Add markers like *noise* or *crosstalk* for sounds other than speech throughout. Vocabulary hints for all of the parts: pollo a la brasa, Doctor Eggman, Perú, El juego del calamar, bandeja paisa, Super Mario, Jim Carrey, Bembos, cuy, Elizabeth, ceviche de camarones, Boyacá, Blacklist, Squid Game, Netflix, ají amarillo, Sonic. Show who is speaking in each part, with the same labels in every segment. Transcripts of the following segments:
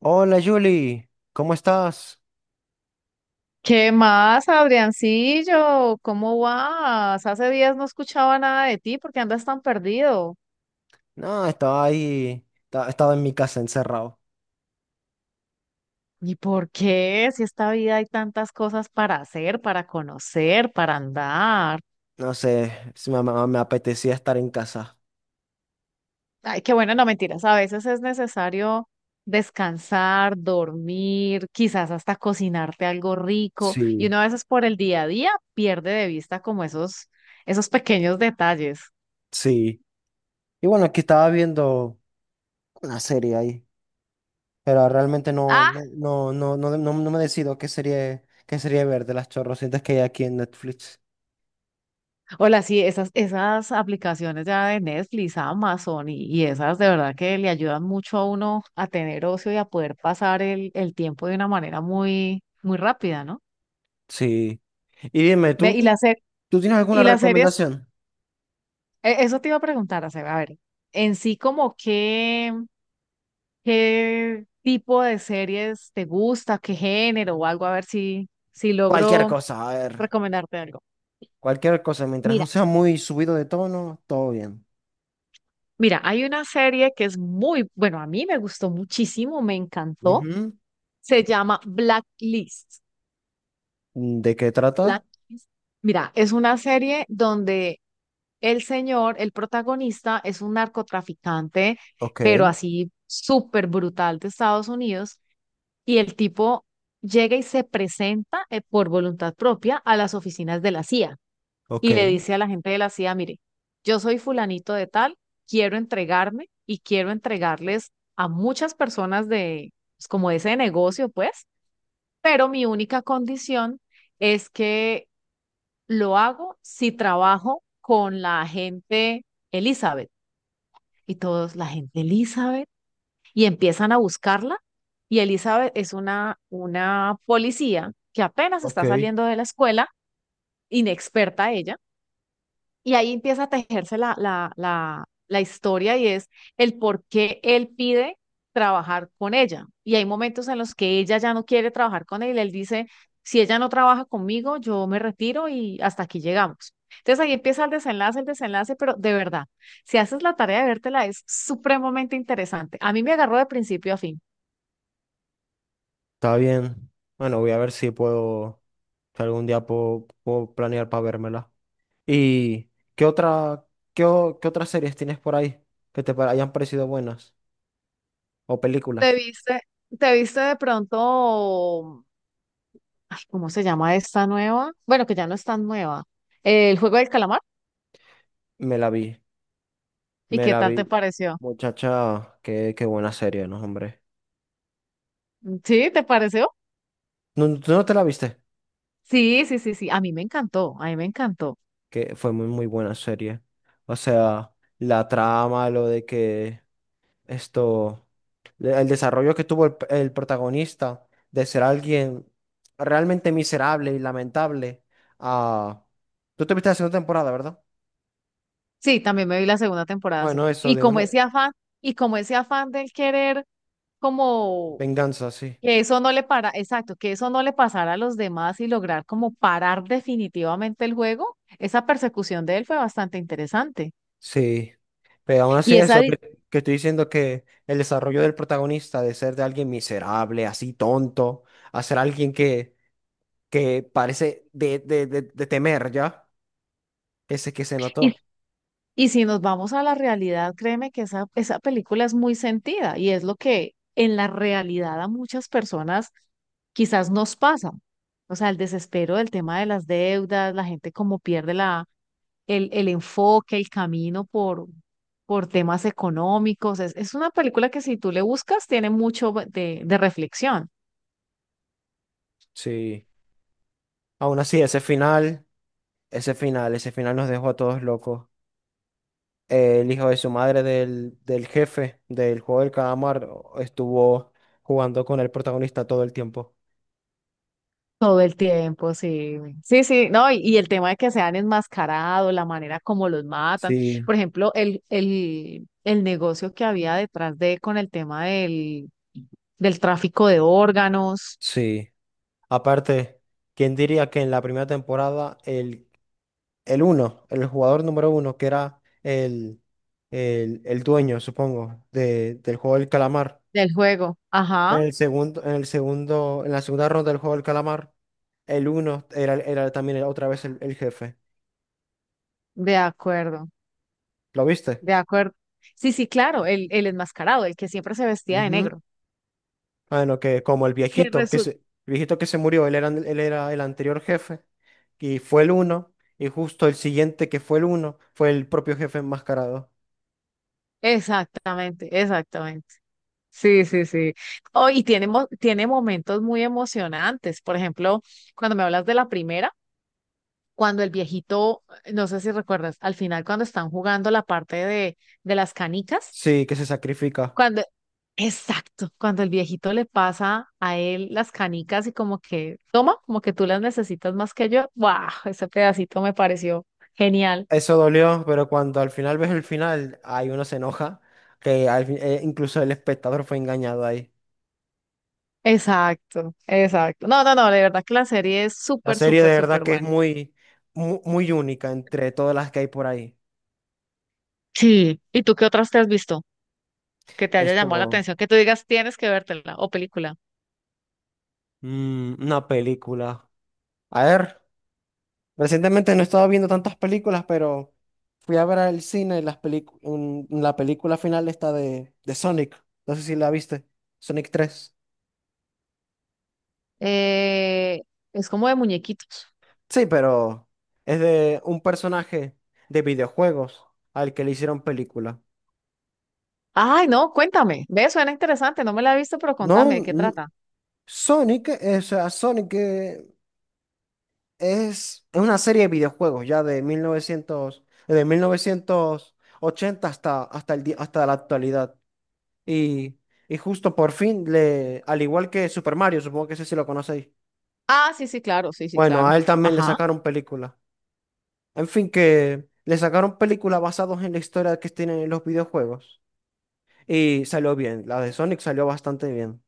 Speaker 1: Hola Julie, ¿cómo estás?
Speaker 2: ¿Qué más, Adriancillo? ¿Cómo vas? Hace días no escuchaba nada de ti, ¿por qué andas tan perdido?
Speaker 1: No, estaba ahí, estaba en mi casa encerrado.
Speaker 2: ¿Y por qué? Si esta vida hay tantas cosas para hacer, para conocer, para andar.
Speaker 1: No sé, si me apetecía estar en casa.
Speaker 2: Ay, qué bueno, no mentiras, a veces es necesario descansar, dormir, quizás hasta cocinarte algo rico, y
Speaker 1: Sí,
Speaker 2: uno a veces por el día a día pierde de vista como esos pequeños detalles.
Speaker 1: sí. Y bueno, aquí estaba viendo una serie ahí, pero realmente no me decido qué serie ver de las chorrocientas que hay aquí en Netflix.
Speaker 2: Hola, sí, esas aplicaciones ya de Netflix, Amazon y esas de verdad que le ayudan mucho a uno a tener ocio y a poder pasar el tiempo de una manera muy, muy rápida, ¿no?
Speaker 1: Sí. Y dime,
Speaker 2: Ve,
Speaker 1: ¿tú,
Speaker 2: y
Speaker 1: tú,
Speaker 2: las, se-
Speaker 1: tú tienes alguna
Speaker 2: Y las series,
Speaker 1: recomendación?
Speaker 2: eso te iba a preguntar, Aceba, a ver, en sí como qué, qué tipo de series te gusta, qué género o algo, a ver si, si
Speaker 1: Cualquier
Speaker 2: logro
Speaker 1: cosa, a ver,
Speaker 2: recomendarte algo.
Speaker 1: cualquier cosa, mientras no
Speaker 2: Mira,
Speaker 1: sea muy subido de tono, todo bien.
Speaker 2: mira, hay una serie que es muy, bueno, a mí me gustó muchísimo, me encantó.
Speaker 1: Ujú.
Speaker 2: Se llama Blacklist.
Speaker 1: Mm, ¿de qué trata?
Speaker 2: Blacklist. Mira, es una serie donde el señor, el protagonista, es un narcotraficante,
Speaker 1: Ok,
Speaker 2: pero así súper brutal de Estados Unidos, y el tipo llega y se presenta por voluntad propia a las oficinas de la CIA
Speaker 1: ok,
Speaker 2: y le dice a la gente de la CIA, mire, yo soy fulanito de tal, quiero entregarme y quiero entregarles a muchas personas de, pues, como de ese negocio, pues pero mi única condición es que lo hago si trabajo con la gente Elizabeth. Y todos, la gente Elizabeth, y empiezan a buscarla. Y Elizabeth es una policía que apenas
Speaker 1: ok,
Speaker 2: está saliendo de la escuela, inexperta ella. Y ahí empieza a tejerse la historia y es el por qué él pide trabajar con ella. Y hay momentos en los que ella ya no quiere trabajar con él. Él dice, si ella no trabaja conmigo, yo me retiro y hasta aquí llegamos. Entonces ahí empieza el desenlace, pero de verdad, si haces la tarea de vértela, es supremamente interesante. A mí me agarró de principio a fin.
Speaker 1: está bien. Bueno, voy a ver si algún día puedo planear para vérmela. ¿Y qué otra, qué otras series tienes por ahí que hayan parecido buenas? ¿O películas?
Speaker 2: ¿Te viste, te viste de pronto, ay, cómo se llama esta nueva? Bueno, que ya no es tan nueva. El juego del calamar.
Speaker 1: Me la vi,
Speaker 2: ¿Y
Speaker 1: me
Speaker 2: qué
Speaker 1: la
Speaker 2: tal te
Speaker 1: vi.
Speaker 2: pareció?
Speaker 1: Muchacha, qué buena serie, ¿no, hombre?
Speaker 2: ¿Sí? ¿Te pareció?
Speaker 1: ¿No, tú no te la viste?
Speaker 2: Sí, sí, sí, sí. A mí me encantó, a mí me encantó.
Speaker 1: Que fue muy, muy buena serie. O sea, la trama, lo de que esto, el desarrollo que tuvo el protagonista de ser alguien realmente miserable y lamentable a... Tú te viste la segunda temporada, ¿verdad?
Speaker 2: Sí, también me vi la segunda temporada, sí.
Speaker 1: Bueno, eso
Speaker 2: Y
Speaker 1: de
Speaker 2: como
Speaker 1: una
Speaker 2: ese afán, y como ese afán del querer, como
Speaker 1: venganza, sí.
Speaker 2: que eso no le para, exacto, que eso no le pasara a los demás y lograr como parar definitivamente el juego, esa persecución de él fue bastante interesante.
Speaker 1: Sí. Pero aún así
Speaker 2: Y esa,
Speaker 1: eso
Speaker 2: di-
Speaker 1: que estoy diciendo que el desarrollo del protagonista de ser de alguien miserable, así tonto, a ser alguien que parece de temer ya, ese que se
Speaker 2: y
Speaker 1: notó.
Speaker 2: y si nos vamos a la realidad, créeme que esa película es muy sentida y es lo que en la realidad a muchas personas quizás nos pasa. O sea, el desespero del tema de las deudas, la gente como pierde la, el enfoque, el camino por temas económicos. Es una película que si tú le buscas tiene mucho de reflexión.
Speaker 1: Sí. Aún así, ese final. Ese final, ese final nos dejó a todos locos. El hijo de su madre del jefe del juego del calamar estuvo jugando con el protagonista todo el tiempo.
Speaker 2: Todo el tiempo, sí. Sí, sí, no, y el tema de que sean enmascarados, la manera como los matan.
Speaker 1: Sí,
Speaker 2: Por ejemplo, el negocio que había detrás de con el tema del tráfico de órganos,
Speaker 1: sí. Aparte, ¿quién diría que en la primera temporada el uno, el jugador número uno, que era el dueño, supongo, del juego del calamar,
Speaker 2: del juego. Ajá,
Speaker 1: en la segunda ronda del juego del calamar, el uno era también otra vez el jefe?
Speaker 2: de acuerdo,
Speaker 1: ¿Lo viste?
Speaker 2: de acuerdo. Sí, sí, claro, el enmascarado, el que siempre se vestía de
Speaker 1: Ujú.
Speaker 2: negro.
Speaker 1: Bueno, que como
Speaker 2: Que resu-
Speaker 1: el viejito que se murió, él era el anterior jefe y fue el uno, y justo el siguiente que fue el uno fue el propio jefe enmascarado.
Speaker 2: Exactamente, exactamente. Sí, sí, sí. Oh, y tiene, tiene momentos muy emocionantes. Por ejemplo, cuando me hablas de la primera. Cuando el viejito, no sé si recuerdas, al final cuando están jugando la parte de las canicas,
Speaker 1: Sí, que se sacrifica.
Speaker 2: cuando, exacto, cuando el viejito le pasa a él las canicas y como que, toma, como que tú las necesitas más que yo, ¡guau! Ese pedacito me pareció genial.
Speaker 1: Eso dolió, pero cuando al final ves el final, ahí uno se enoja, que incluso el espectador fue engañado ahí.
Speaker 2: Exacto, exacto. No, no, no, de verdad que la serie es
Speaker 1: La
Speaker 2: súper,
Speaker 1: serie
Speaker 2: súper,
Speaker 1: de verdad
Speaker 2: súper
Speaker 1: que es
Speaker 2: buena.
Speaker 1: muy, muy, única entre todas las que hay por ahí.
Speaker 2: Sí, ¿y tú qué otras te has visto que te haya llamado la
Speaker 1: Esto,
Speaker 2: atención? Que tú digas, tienes que vértela o película.
Speaker 1: una película. A ver. Recientemente no he estado viendo tantas películas, pero fui a ver al cine la película final esta de Sonic. No sé si la viste. Sonic 3.
Speaker 2: Eh, es como de muñequitos.
Speaker 1: Sí, pero es de un personaje de videojuegos al que le hicieron película.
Speaker 2: Ay, no, cuéntame. Ve, suena interesante. No me la he visto, pero
Speaker 1: No,
Speaker 2: contame, ¿de qué trata?
Speaker 1: Sonic, o sea, Sonic es una serie de videojuegos ya de 1980 hasta la actualidad. Y, y justo por fin, al igual que Super Mario, supongo que ese sí lo conocéis.
Speaker 2: Ah, sí, sí, claro, sí, sí,
Speaker 1: Bueno,
Speaker 2: claro.
Speaker 1: a él también le
Speaker 2: Ajá.
Speaker 1: sacaron película. En fin, que le sacaron película basados en la historia que tienen en los videojuegos. Y salió bien. La de Sonic salió bastante bien.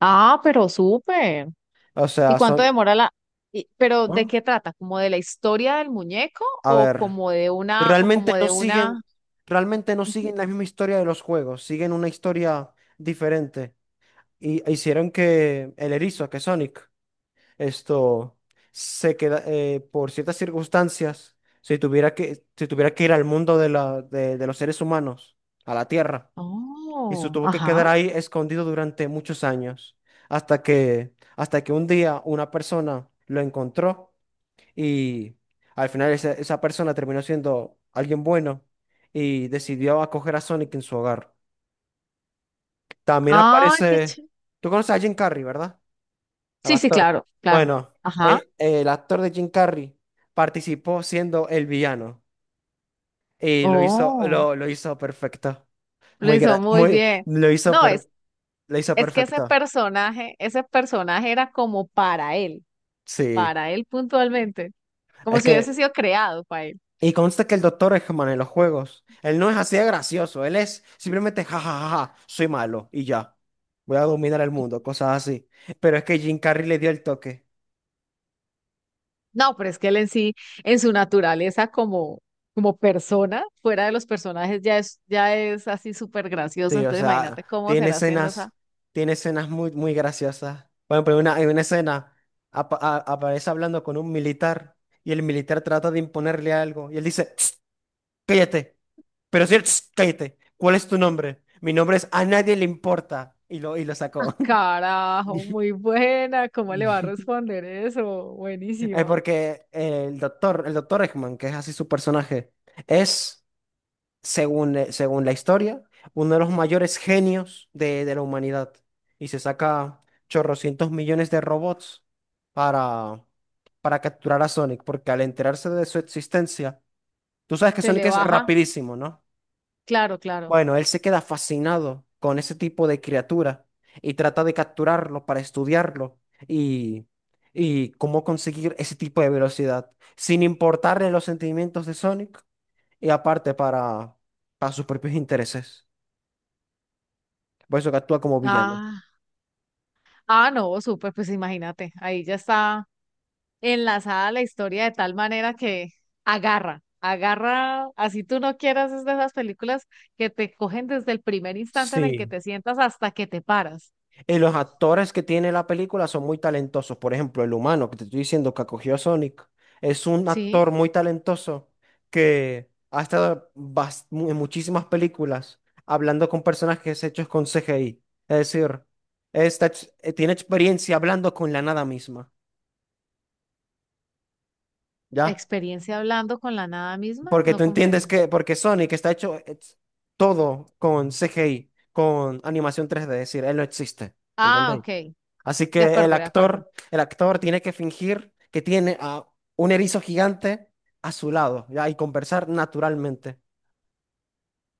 Speaker 2: Ah, pero súper.
Speaker 1: O
Speaker 2: ¿Y
Speaker 1: sea,
Speaker 2: cuánto
Speaker 1: son.
Speaker 2: demora la... pero ¿de
Speaker 1: ¿Ah?
Speaker 2: qué trata? ¿Como de la historia del muñeco
Speaker 1: A
Speaker 2: o
Speaker 1: ver,
Speaker 2: como de una, o
Speaker 1: realmente
Speaker 2: como
Speaker 1: no
Speaker 2: de
Speaker 1: siguen,
Speaker 2: una...
Speaker 1: realmente no
Speaker 2: Ujú.
Speaker 1: siguen la misma historia de los juegos. Siguen una historia diferente. Y hicieron que el erizo, que Sonic, esto se queda por ciertas circunstancias, si tuviera que ir al mundo de los seres humanos, a la Tierra, y se
Speaker 2: Oh,
Speaker 1: tuvo que quedar
Speaker 2: ajá.
Speaker 1: ahí escondido durante muchos años, hasta que un día una persona lo encontró y al final esa persona terminó siendo alguien bueno y decidió acoger a Sonic en su hogar. También
Speaker 2: Ah, qué
Speaker 1: aparece,
Speaker 2: chévere.
Speaker 1: tú conoces a Jim Carrey, ¿verdad? Al
Speaker 2: Sí, sí,
Speaker 1: actor.
Speaker 2: claro, claro.
Speaker 1: Bueno,
Speaker 2: Ajá.
Speaker 1: el actor de Jim Carrey participó siendo el villano y lo hizo,
Speaker 2: Oh,
Speaker 1: lo, lo hizo perfecto.
Speaker 2: lo
Speaker 1: Muy,
Speaker 2: hizo
Speaker 1: gra-
Speaker 2: muy
Speaker 1: muy,
Speaker 2: bien.
Speaker 1: lo hizo,
Speaker 2: No,
Speaker 1: per- Lo hizo
Speaker 2: es que
Speaker 1: perfecto.
Speaker 2: ese personaje era como
Speaker 1: Sí,
Speaker 2: para él puntualmente. Como
Speaker 1: es
Speaker 2: si
Speaker 1: que,
Speaker 2: hubiese sido creado para él.
Speaker 1: y consta que el doctor Eggman en los juegos, él no es así de gracioso, él es simplemente jajajaja, soy malo y ya, voy a dominar el mundo, cosas así. Pero es que Jim Carrey le dio el toque.
Speaker 2: No, pero es que él en sí, en su naturaleza como, como persona, fuera de los personajes, ya es así súper gracioso.
Speaker 1: Sí, o
Speaker 2: Entonces
Speaker 1: sea,
Speaker 2: imagínate cómo será haciendo esa,
Speaker 1: tiene escenas muy, muy graciosas. Por ejemplo, en una escena aparece hablando con un militar y el militar trata de imponerle algo y él dice: "Tss, cállate", pero si él, "Tss, cállate, ¿cuál es tu nombre? Mi nombre es A nadie le importa". Y lo
Speaker 2: ah,
Speaker 1: sacó.
Speaker 2: carajo,
Speaker 1: *laughs*
Speaker 2: muy buena, cómo le va a
Speaker 1: *laughs*
Speaker 2: responder eso,
Speaker 1: Es
Speaker 2: buenísima.
Speaker 1: porque el doctor Eggman, que es así su personaje, es... según la historia, uno de los mayores genios de la humanidad. Y se saca chorrocientos millones de robots para, para capturar a Sonic, porque al enterarse de su existencia, tú sabes que
Speaker 2: Se
Speaker 1: Sonic
Speaker 2: le
Speaker 1: es
Speaker 2: baja,
Speaker 1: rapidísimo, ¿no?
Speaker 2: claro, claro.
Speaker 1: Bueno, él se queda fascinado con ese tipo de criatura y trata de capturarlo para estudiarlo y, y cómo conseguir ese tipo de velocidad, sin importarle los sentimientos de Sonic y aparte para sus propios intereses. Por eso que actúa como villano.
Speaker 2: Ah, ah, no, súper, pues imagínate, ahí ya está enlazada a la historia de tal manera que agarra, agarra, así tú no quieras, es de esas películas que te cogen desde el primer instante en el que
Speaker 1: Sí,
Speaker 2: te sientas hasta que te paras,
Speaker 1: y los actores que tiene la película son muy talentosos. Por ejemplo, el humano que te estoy diciendo que acogió a Sonic es un
Speaker 2: ¿sí?
Speaker 1: actor muy talentoso que ha estado en muchísimas películas hablando con personajes hechos con CGI. Es decir, tiene experiencia hablando con la nada misma. ¿Ya?
Speaker 2: Experiencia hablando con la nada misma,
Speaker 1: Porque
Speaker 2: no
Speaker 1: tú entiendes
Speaker 2: comprendo.
Speaker 1: porque Sonic está hecho todo con CGI, con animación 3D, es decir, él no existe,
Speaker 2: Ah,
Speaker 1: ¿entendéis?
Speaker 2: ok,
Speaker 1: Así
Speaker 2: de
Speaker 1: que el
Speaker 2: acuerdo, de acuerdo.
Speaker 1: actor, el actor tiene que fingir que tiene a un erizo gigante a su lado, ¿ya? Y conversar naturalmente.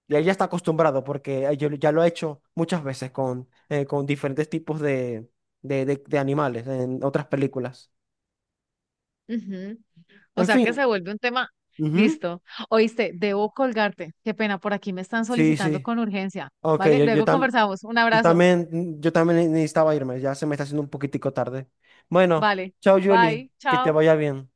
Speaker 1: Y él ya está acostumbrado porque yo ya lo he hecho muchas veces con diferentes tipos de animales en otras películas.
Speaker 2: Ujú. O
Speaker 1: En
Speaker 2: sea que
Speaker 1: fin.
Speaker 2: se vuelve un tema,
Speaker 1: Ujú.
Speaker 2: listo. Oíste, debo colgarte, qué pena, por aquí me están
Speaker 1: Sí,
Speaker 2: solicitando
Speaker 1: sí.
Speaker 2: con urgencia,
Speaker 1: Ok,
Speaker 2: ¿vale?
Speaker 1: yo
Speaker 2: Luego
Speaker 1: también.
Speaker 2: conversamos, un abrazo,
Speaker 1: Yo también necesitaba irme, ya se me está haciendo un poquitico tarde. Bueno,
Speaker 2: vale,
Speaker 1: chao Julie,
Speaker 2: bye,
Speaker 1: que te
Speaker 2: chao.
Speaker 1: vaya bien.